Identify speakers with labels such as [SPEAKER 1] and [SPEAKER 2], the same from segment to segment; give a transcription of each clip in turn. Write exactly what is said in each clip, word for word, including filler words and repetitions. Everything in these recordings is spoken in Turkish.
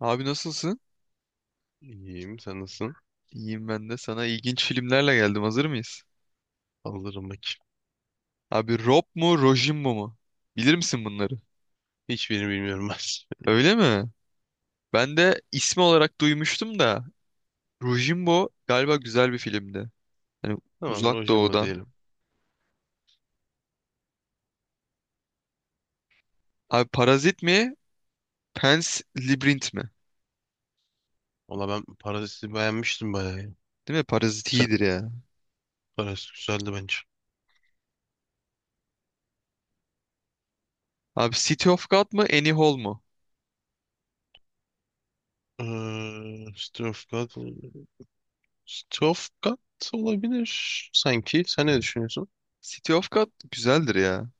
[SPEAKER 1] Abi nasılsın?
[SPEAKER 2] İyiyim. Sen nasılsın?
[SPEAKER 1] İyiyim ben de. Sana ilginç filmlerle geldim. Hazır mıyız?
[SPEAKER 2] Alırım bak.
[SPEAKER 1] Abi Rob mu Rojimbo mu? Bilir misin bunları?
[SPEAKER 2] Hiçbirini bilmiyorum ben.
[SPEAKER 1] Öyle mi? Ben de ismi olarak duymuştum da Rojimbo galiba güzel bir filmdi. Hani
[SPEAKER 2] Tamam.
[SPEAKER 1] Uzak
[SPEAKER 2] Rojimba
[SPEAKER 1] Doğu'dan.
[SPEAKER 2] diyelim.
[SPEAKER 1] Abi Parazit mi? Pan's Labyrinth mi?
[SPEAKER 2] Valla ben Parazit'i beğenmiştim bayağı ya.
[SPEAKER 1] Değil mi? Parazit
[SPEAKER 2] Sen
[SPEAKER 1] iyidir ya.
[SPEAKER 2] Parazit güzeldi bence.
[SPEAKER 1] Abi City of God mı? Annie Hall mu?
[SPEAKER 2] Ee, Strofgard, Strofgard olabilir sanki. Sen ne düşünüyorsun?
[SPEAKER 1] City of God güzeldir ya.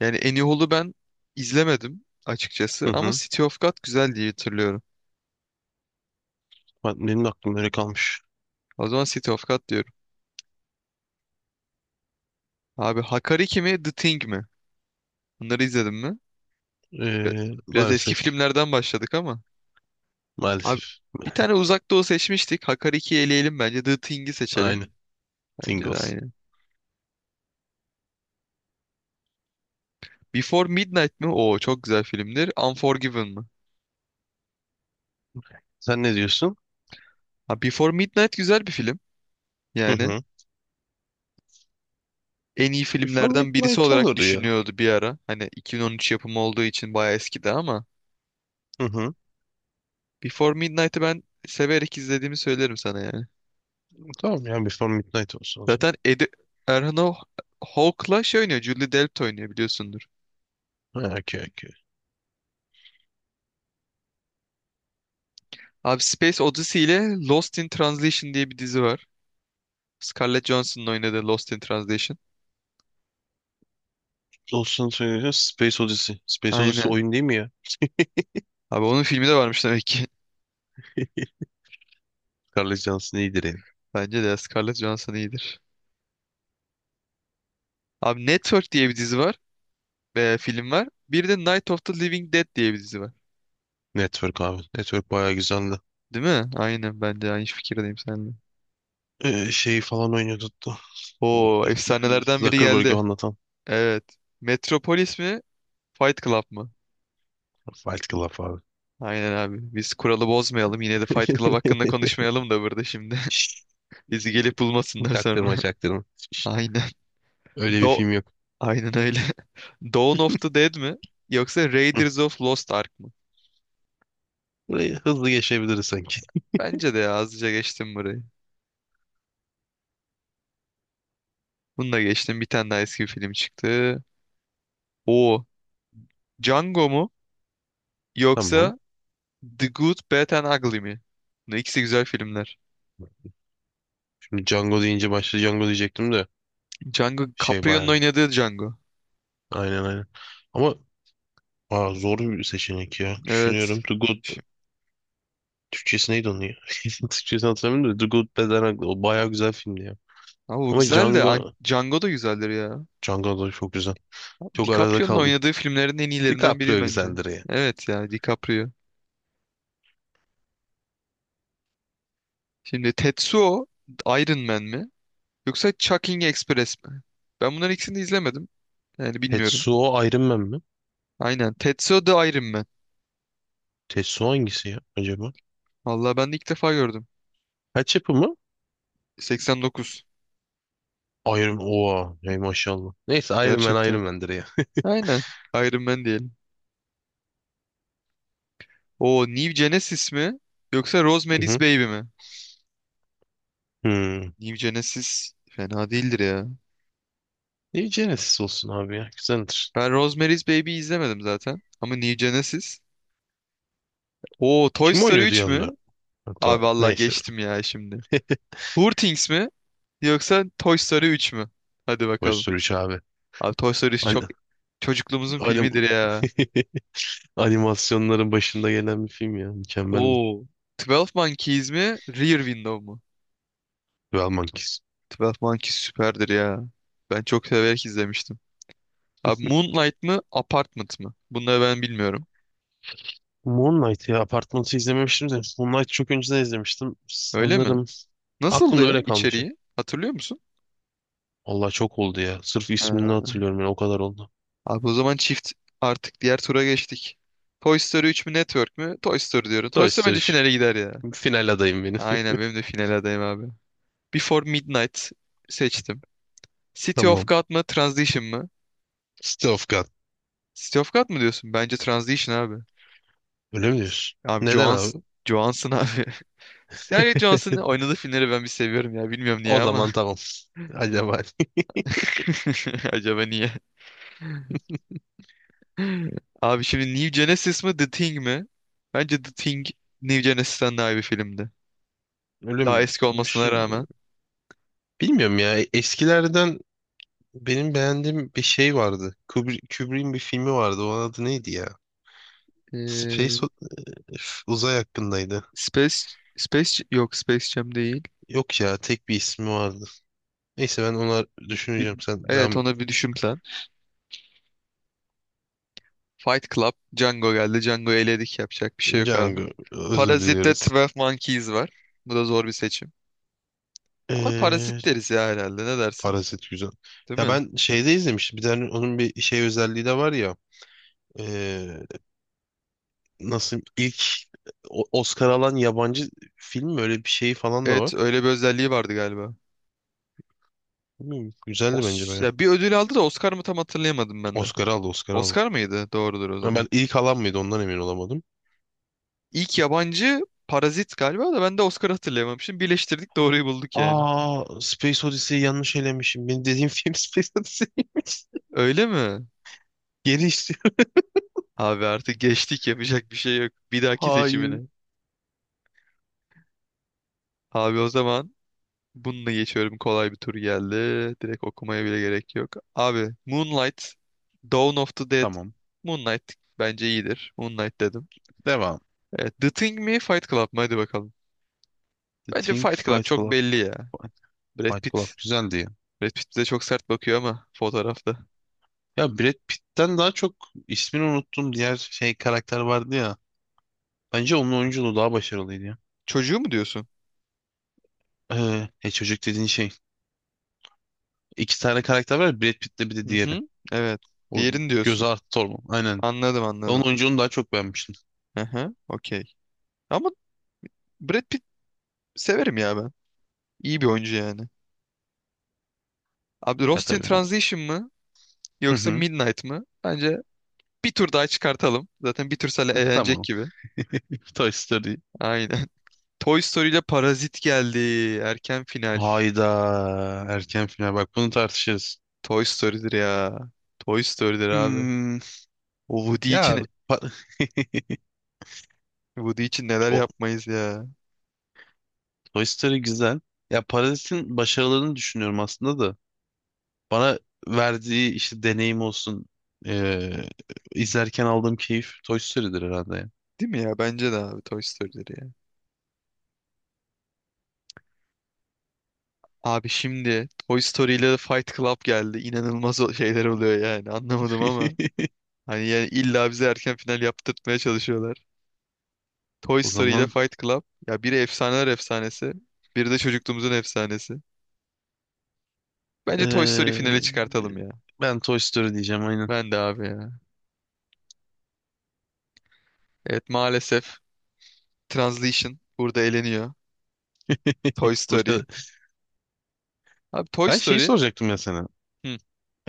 [SPEAKER 1] Yani Annie Hall'u ben izlemedim açıkçası
[SPEAKER 2] Hı
[SPEAKER 1] ama
[SPEAKER 2] hı.
[SPEAKER 1] City of God güzel diye hatırlıyorum.
[SPEAKER 2] Ben- Benim de aklım öyle kalmış.
[SPEAKER 1] O zaman City of God diyorum. Abi Hakariki mi The Thing mi? Bunları izledin mi? Bi-
[SPEAKER 2] Ee,
[SPEAKER 1] Biraz eski
[SPEAKER 2] maalesef.
[SPEAKER 1] filmlerden başladık ama. Abi
[SPEAKER 2] Maalesef.
[SPEAKER 1] bir tane Uzak Doğu seçmiştik. Hakariki'yi eleyelim bence. The Thing'i seçelim.
[SPEAKER 2] Aynı.
[SPEAKER 1] Bence de
[SPEAKER 2] Tingles.
[SPEAKER 1] aynı. Before Midnight mi? Oo çok güzel filmdir. Unforgiven mı?
[SPEAKER 2] Sen ne diyorsun?
[SPEAKER 1] Ha, Before Midnight güzel bir film.
[SPEAKER 2] Hı
[SPEAKER 1] Yani
[SPEAKER 2] hı.
[SPEAKER 1] en iyi
[SPEAKER 2] Before
[SPEAKER 1] filmlerden birisi
[SPEAKER 2] Midnight
[SPEAKER 1] olarak
[SPEAKER 2] olur ya.
[SPEAKER 1] düşünüyordu bir ara. Hani iki bin on üç yapımı olduğu için bayağı eskidi ama.
[SPEAKER 2] Hı hı.
[SPEAKER 1] Before Midnight'ı ben severek izlediğimi söylerim sana yani.
[SPEAKER 2] Tamam ya Before Midnight olsun o zaman.
[SPEAKER 1] Zaten Ed Erhan Ho- Hawke'la şey oynuyor. Julie Delpy oynuyor biliyorsundur.
[SPEAKER 2] Ha, okey okey.
[SPEAKER 1] Abi Space Odyssey ile Lost in Translation diye bir dizi var. Scarlett Johansson'ın oynadığı Lost in Translation.
[SPEAKER 2] Olsun söyleyeceğim. Space Odyssey. Space Odyssey
[SPEAKER 1] Aynen.
[SPEAKER 2] oyun değil mi ya?
[SPEAKER 1] Abi onun filmi de varmış demek ki.
[SPEAKER 2] Scarlett Johansson iyidir yani.
[SPEAKER 1] Bence de Scarlett Johansson iyidir. Abi Network diye bir dizi var. E, film var. Bir de Night of the Living Dead diye bir dizi var.
[SPEAKER 2] Network abi. Network bayağı güzeldi.
[SPEAKER 1] Değil mi? Aynen ben de aynı fikirdeyim seninle.
[SPEAKER 2] Ee, şeyi falan oynuyordu hatta.
[SPEAKER 1] Oo efsanelerden biri
[SPEAKER 2] Zuckerberg'i
[SPEAKER 1] geldi.
[SPEAKER 2] anlatan.
[SPEAKER 1] Evet. Metropolis mi? Fight Club mı?
[SPEAKER 2] Fight Club abi.
[SPEAKER 1] Aynen abi. Biz kuralı bozmayalım. Yine de Fight Club hakkında konuşmayalım da burada şimdi.
[SPEAKER 2] Şşt,
[SPEAKER 1] Bizi gelip bulmasınlar sonra.
[SPEAKER 2] çaktırma çaktırma. Şşt,
[SPEAKER 1] Aynen.
[SPEAKER 2] öyle bir
[SPEAKER 1] Do
[SPEAKER 2] film yok.
[SPEAKER 1] Aynen öyle. Dawn of the Dead mi? Yoksa
[SPEAKER 2] Hı.
[SPEAKER 1] Raiders of Lost Ark mı?
[SPEAKER 2] Burayı hızlı geçebiliriz sanki.
[SPEAKER 1] Bence de ya, azıca geçtim burayı. Bunu da geçtim. Bir tane daha eski bir film çıktı. O Django mu?
[SPEAKER 2] Tamam.
[SPEAKER 1] Yoksa The Good, Bad and Ugly mi? Bunlar ikisi güzel filmler.
[SPEAKER 2] Şimdi Django deyince başta Django diyecektim de
[SPEAKER 1] Django,
[SPEAKER 2] şey
[SPEAKER 1] Caprio'nun
[SPEAKER 2] bayağı.
[SPEAKER 1] oynadığı Django.
[SPEAKER 2] Aynen aynen. Ama aa, zor bir seçenek ya.
[SPEAKER 1] Evet.
[SPEAKER 2] Düşünüyorum. The Good.
[SPEAKER 1] Şi-
[SPEAKER 2] Türkçesi neydi onun ya? Türkçesini hatırlamıyorum da The Good Bad and Ugly. O bayağı güzel filmdi ya.
[SPEAKER 1] Ama bu
[SPEAKER 2] Ama
[SPEAKER 1] güzel de An-
[SPEAKER 2] Django,
[SPEAKER 1] Django da güzeldir ya.
[SPEAKER 2] Django da çok güzel. Çok arada
[SPEAKER 1] DiCaprio'nun
[SPEAKER 2] kaldım.
[SPEAKER 1] oynadığı filmlerin en iyilerinden biri
[SPEAKER 2] DiCaprio
[SPEAKER 1] bence.
[SPEAKER 2] güzeldir ya.
[SPEAKER 1] Evet ya DiCaprio. Şimdi Tetsuo Iron Man mi? Yoksa Chucking Express mi? Ben bunların ikisini de izlemedim. Yani bilmiyorum.
[SPEAKER 2] Tetsuo Iron Man mi?
[SPEAKER 1] Aynen. Tetsuo the Iron Man.
[SPEAKER 2] Tetsuo hangisi ya acaba?
[SPEAKER 1] Vallahi ben de ilk defa gördüm.
[SPEAKER 2] Kaç yapımı?
[SPEAKER 1] seksen dokuz.
[SPEAKER 2] Iron Oha. Ey maşallah. Neyse Iron Man Iron
[SPEAKER 1] Gerçekten.
[SPEAKER 2] Man'dir ya.
[SPEAKER 1] Aynen. Iron Man diyelim. O New Genesis mi? Yoksa
[SPEAKER 2] Hı
[SPEAKER 1] Rosemary's
[SPEAKER 2] hı.
[SPEAKER 1] Baby mi?
[SPEAKER 2] Hmm.
[SPEAKER 1] New Genesis fena değildir ya.
[SPEAKER 2] Niye Genesis olsun abi ya? Güzeldir.
[SPEAKER 1] Ben Rosemary's Baby izlemedim zaten. Ama New Genesis. O Toy
[SPEAKER 2] Kim
[SPEAKER 1] Story
[SPEAKER 2] oynuyordu
[SPEAKER 1] üç
[SPEAKER 2] yanında?
[SPEAKER 1] mü?
[SPEAKER 2] Hatta
[SPEAKER 1] Abi vallahi
[SPEAKER 2] neyse.
[SPEAKER 1] geçtim ya şimdi. Poor Things mi? Yoksa Toy Story üç mü? Hadi
[SPEAKER 2] Toy
[SPEAKER 1] bakalım.
[SPEAKER 2] Story üç abi.
[SPEAKER 1] Abi Toy Story
[SPEAKER 2] Hani,
[SPEAKER 1] çok çocukluğumuzun
[SPEAKER 2] hani...
[SPEAKER 1] filmidir ya.
[SPEAKER 2] Animasyonların başında gelen bir film ya. Mükemmeldi.
[SPEAKER 1] Oo. Twelve Monkeys mi? Rear Window mu?
[SPEAKER 2] Well Monkeys.
[SPEAKER 1] Twelve Monkeys süperdir ya. Ben çok severek izlemiştim. Abi Moonlight mı? Apartment mı? Bunları ben bilmiyorum.
[SPEAKER 2] Moon Knight ya Apartman'ı izlememiştim de. Moon Knight çok önceden izlemiştim.
[SPEAKER 1] Öyle mi?
[SPEAKER 2] Sanırım aklımda
[SPEAKER 1] Nasıldı ya
[SPEAKER 2] öyle kalmış.
[SPEAKER 1] içeriği? Hatırlıyor musun?
[SPEAKER 2] Allah çok oldu ya. Sırf ismini
[SPEAKER 1] Ha.
[SPEAKER 2] hatırlıyorum yani o kadar oldu.
[SPEAKER 1] Abi o zaman çift artık diğer tura geçtik. Toy Story üç mü Network mü? Toy Story diyorum. Toy
[SPEAKER 2] Toy
[SPEAKER 1] Story
[SPEAKER 2] Story.
[SPEAKER 1] bence finale gider ya.
[SPEAKER 2] üç. Final adayım benim.
[SPEAKER 1] Aynen benim de finale adayım abi. Before Midnight seçtim. City of
[SPEAKER 2] Tamam.
[SPEAKER 1] God mı? Transition mı?
[SPEAKER 2] City of God.
[SPEAKER 1] City of God mı diyorsun? Bence Transition abi.
[SPEAKER 2] Öyle mi diyorsun?
[SPEAKER 1] Abi
[SPEAKER 2] Neden
[SPEAKER 1] Johansson,
[SPEAKER 2] abi?
[SPEAKER 1] Johansson abi. Scarlett Johansson'ın oynadığı filmleri ben bir seviyorum ya. Bilmiyorum niye
[SPEAKER 2] O
[SPEAKER 1] ama.
[SPEAKER 2] zaman tamam. Acaba
[SPEAKER 1] Acaba niye? Abi şimdi New Genesis mi The Thing mi? Bence The Thing New Genesis'ten daha iyi bir filmdi.
[SPEAKER 2] ölüm
[SPEAKER 1] Daha eski olmasına
[SPEAKER 2] düşün.
[SPEAKER 1] rağmen.
[SPEAKER 2] Bilmiyorum ya. Eskilerden benim beğendiğim bir şey vardı. Kubrick, Kubrick'in bir filmi vardı. Onun adı neydi ya?
[SPEAKER 1] Ee,
[SPEAKER 2] Space o- üf, uzay hakkındaydı.
[SPEAKER 1] Space Space yok Space Jam değil.
[SPEAKER 2] Yok ya tek bir ismi vardı. Neyse ben onlar
[SPEAKER 1] Bir,
[SPEAKER 2] düşüneceğim sen
[SPEAKER 1] evet
[SPEAKER 2] devam et.
[SPEAKER 1] ona bir düşün sen. Fight Club, Django geldi. Django eledik yapacak bir şey yok abi.
[SPEAKER 2] Django özür
[SPEAKER 1] Parazit'te
[SPEAKER 2] diliyoruz.
[SPEAKER 1] on iki Monkeys var. Bu da zor bir seçim. Ama
[SPEAKER 2] Ee,
[SPEAKER 1] parazit deriz ya herhalde ne dersin?
[SPEAKER 2] Parazit güzel.
[SPEAKER 1] Değil
[SPEAKER 2] Ya
[SPEAKER 1] mi?
[SPEAKER 2] ben şeyde izlemiştim. Bir tane onun bir şey özelliği de var ya. Ee, nasıl ilk o- Oscar alan yabancı film mi? Öyle bir şey falan da var.
[SPEAKER 1] Evet öyle bir özelliği vardı galiba.
[SPEAKER 2] Bilmiyorum, güzeldi bence
[SPEAKER 1] Os
[SPEAKER 2] baya.
[SPEAKER 1] ya bir ödül aldı da Oscar mı tam hatırlayamadım ben de.
[SPEAKER 2] Oscar aldı Oscar aldı.
[SPEAKER 1] Oscar mıydı? Doğrudur o
[SPEAKER 2] Ama
[SPEAKER 1] zaman.
[SPEAKER 2] ben ilk alan mıydı ondan emin olamadım.
[SPEAKER 1] İlk yabancı Parazit galiba da ben de Oscar hatırlayamamışım. Birleştirdik doğruyu bulduk yani.
[SPEAKER 2] Aa Space Odyssey'i yanlış elemişim. Benim dediğim film Space Odyssey.
[SPEAKER 1] Öyle mi?
[SPEAKER 2] Geri
[SPEAKER 1] Abi artık geçtik yapacak bir şey yok. Bir dahaki seçimine.
[SPEAKER 2] Hayır.
[SPEAKER 1] Abi o zaman bununla geçiyorum. Kolay bir tur geldi. Direkt okumaya bile gerek yok. Abi Moonlight, Dawn of the Dead.
[SPEAKER 2] Tamam.
[SPEAKER 1] Moonlight bence iyidir. Moonlight dedim.
[SPEAKER 2] Devam.
[SPEAKER 1] Evet, The Thing mi Fight Club mı? Hadi bakalım.
[SPEAKER 2] The
[SPEAKER 1] Bence
[SPEAKER 2] Think
[SPEAKER 1] Fight Club
[SPEAKER 2] Fight
[SPEAKER 1] çok
[SPEAKER 2] Club.
[SPEAKER 1] belli ya.
[SPEAKER 2] Fight
[SPEAKER 1] Brad
[SPEAKER 2] Fight Club
[SPEAKER 1] Pitt.
[SPEAKER 2] güzeldi ya.
[SPEAKER 1] Brad Pitt bize çok sert bakıyor ama fotoğrafta.
[SPEAKER 2] Ya Brad Pitt'ten daha çok ismini unuttum diğer şey karakter vardı ya. Bence onun oyunculuğu daha başarılıydı ya.
[SPEAKER 1] Çocuğu mu diyorsun?
[SPEAKER 2] Ee, e, çocuk dediğin şey. İki tane karakter var. Ya, Brad Pitt'le bir de
[SPEAKER 1] Hı
[SPEAKER 2] diğeri.
[SPEAKER 1] hı. Evet.
[SPEAKER 2] O
[SPEAKER 1] Diğerini
[SPEAKER 2] göze
[SPEAKER 1] diyorsun.
[SPEAKER 2] artı torba. Aynen.
[SPEAKER 1] Anladım
[SPEAKER 2] Ben onun
[SPEAKER 1] anladım.
[SPEAKER 2] oyunculuğunu daha çok beğenmiştim.
[SPEAKER 1] Hı hı. Okey. Ama Brad Pitt severim ya ben. İyi bir oyuncu yani. Abi
[SPEAKER 2] Ya
[SPEAKER 1] Lost in
[SPEAKER 2] tabii. o-
[SPEAKER 1] Translation mı?
[SPEAKER 2] Hı
[SPEAKER 1] Yoksa
[SPEAKER 2] hı.
[SPEAKER 1] Midnight mı? Bence bir tur daha çıkartalım. Zaten bir tur sale eğlenecek
[SPEAKER 2] Tamam.
[SPEAKER 1] gibi.
[SPEAKER 2] Toy Story.
[SPEAKER 1] Aynen. Toy Story ile Parazit geldi. Erken final.
[SPEAKER 2] Hayda. Erken final. Bak bunu tartışırız.
[SPEAKER 1] Toy Story'dir ya. Toy Story'dir abi.
[SPEAKER 2] Hmm,
[SPEAKER 1] O Woody
[SPEAKER 2] ya
[SPEAKER 1] için
[SPEAKER 2] pa-
[SPEAKER 1] Woody için neler
[SPEAKER 2] o-
[SPEAKER 1] yapmayız ya.
[SPEAKER 2] Toy Story güzel. Ya Parazit'in başarılarını düşünüyorum aslında da. Bana verdiği işte deneyim olsun, eee, izlerken aldığım keyif Toy Story'dir herhalde ya.
[SPEAKER 1] Değil mi ya? Bence de abi Toy Story'leri ya. Abi şimdi Toy Story ile Fight Club geldi. İnanılmaz o- şeyler oluyor yani. Anlamadım ama. Hani yani illa bize erken final yaptırtmaya çalışıyorlar. Toy
[SPEAKER 2] O
[SPEAKER 1] Story ile
[SPEAKER 2] zaman
[SPEAKER 1] Fight Club. Ya biri efsaneler efsanesi. Biri de çocukluğumuzun efsanesi. Bence Toy Story finale
[SPEAKER 2] eee,
[SPEAKER 1] çıkartalım ya.
[SPEAKER 2] ben Toy Story diyeceğim aynen.
[SPEAKER 1] Ben de abi ya. Evet maalesef Translation burada eleniyor. Toy Story.
[SPEAKER 2] Burada.
[SPEAKER 1] Abi Toy
[SPEAKER 2] Ben şeyi
[SPEAKER 1] Story.
[SPEAKER 2] soracaktım ya sana.
[SPEAKER 1] Hı.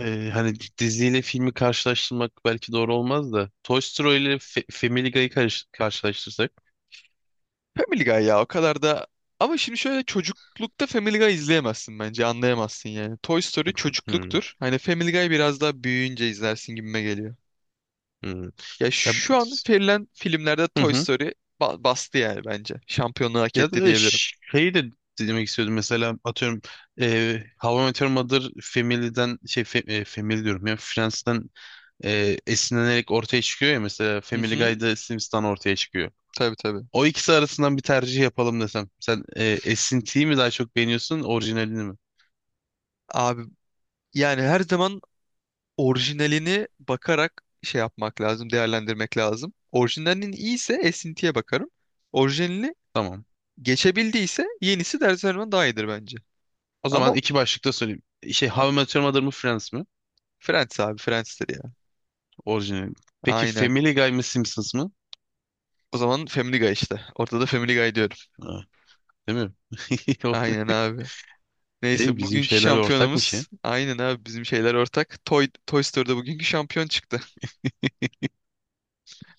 [SPEAKER 2] Eee, hani diziyle filmi karşılaştırmak belki doğru olmaz da. Toy Story ile Fe- Family Guy'ı karış- karşılaştırsak.
[SPEAKER 1] Family Guy ya o kadar da ama şimdi şöyle çocuklukta Family Guy izleyemezsin bence anlayamazsın yani. Toy Story
[SPEAKER 2] Hmm,
[SPEAKER 1] çocukluktur. Hani Family Guy biraz daha büyüyünce izlersin gibime geliyor.
[SPEAKER 2] hmm.
[SPEAKER 1] Ya
[SPEAKER 2] Ya,
[SPEAKER 1] şu an verilen filmlerde
[SPEAKER 2] hı
[SPEAKER 1] Toy
[SPEAKER 2] hı.
[SPEAKER 1] Story ba- bastı yani bence. Şampiyonluğu hak
[SPEAKER 2] Ya
[SPEAKER 1] etti
[SPEAKER 2] da
[SPEAKER 1] diyebilirim.
[SPEAKER 2] şey de demek istiyordum mesela atıyorum e, How I Met Your Mother Family'den şey fe, e, Family diyorum ya Friends'den e, esinlenerek ortaya çıkıyor ya mesela
[SPEAKER 1] Hı
[SPEAKER 2] Family
[SPEAKER 1] hı.
[SPEAKER 2] Guy'da Simpsons'tan ortaya çıkıyor.
[SPEAKER 1] Tabii tabii.
[SPEAKER 2] O ikisi arasından bir tercih yapalım desem. Sen e, esintiyi mi daha çok beğeniyorsun orijinalini mi?
[SPEAKER 1] Abi yani her zaman orijinalini bakarak şey yapmak lazım, değerlendirmek lazım. Orijinalinin iyiyse esintiye bakarım. Orijinalini
[SPEAKER 2] Tamam.
[SPEAKER 1] geçebildiyse yenisi de her zaman daha iyidir bence.
[SPEAKER 2] O zaman
[SPEAKER 1] Ama
[SPEAKER 2] iki başlıkta söyleyeyim. Şey How I Met Your Mother mı Friends mi?
[SPEAKER 1] Friends abi Friends'tir ya.
[SPEAKER 2] Orijinali. Peki
[SPEAKER 1] Aynen.
[SPEAKER 2] Family Guy mı Simpsons mı?
[SPEAKER 1] O zaman Family Guy işte. Ortada da Family Guy diyorum.
[SPEAKER 2] Ha, değil mi?
[SPEAKER 1] Aynen abi.
[SPEAKER 2] Ey,
[SPEAKER 1] Neyse
[SPEAKER 2] bizim
[SPEAKER 1] bugünkü
[SPEAKER 2] şeyler ortakmış ya.
[SPEAKER 1] şampiyonumuz aynen abi bizim şeyler ortak. Toy, Toy Story'da bugünkü şampiyon çıktı.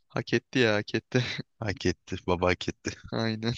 [SPEAKER 1] Hak etti ya hak etti.
[SPEAKER 2] Hak etti. Baba hak etti.
[SPEAKER 1] Aynen.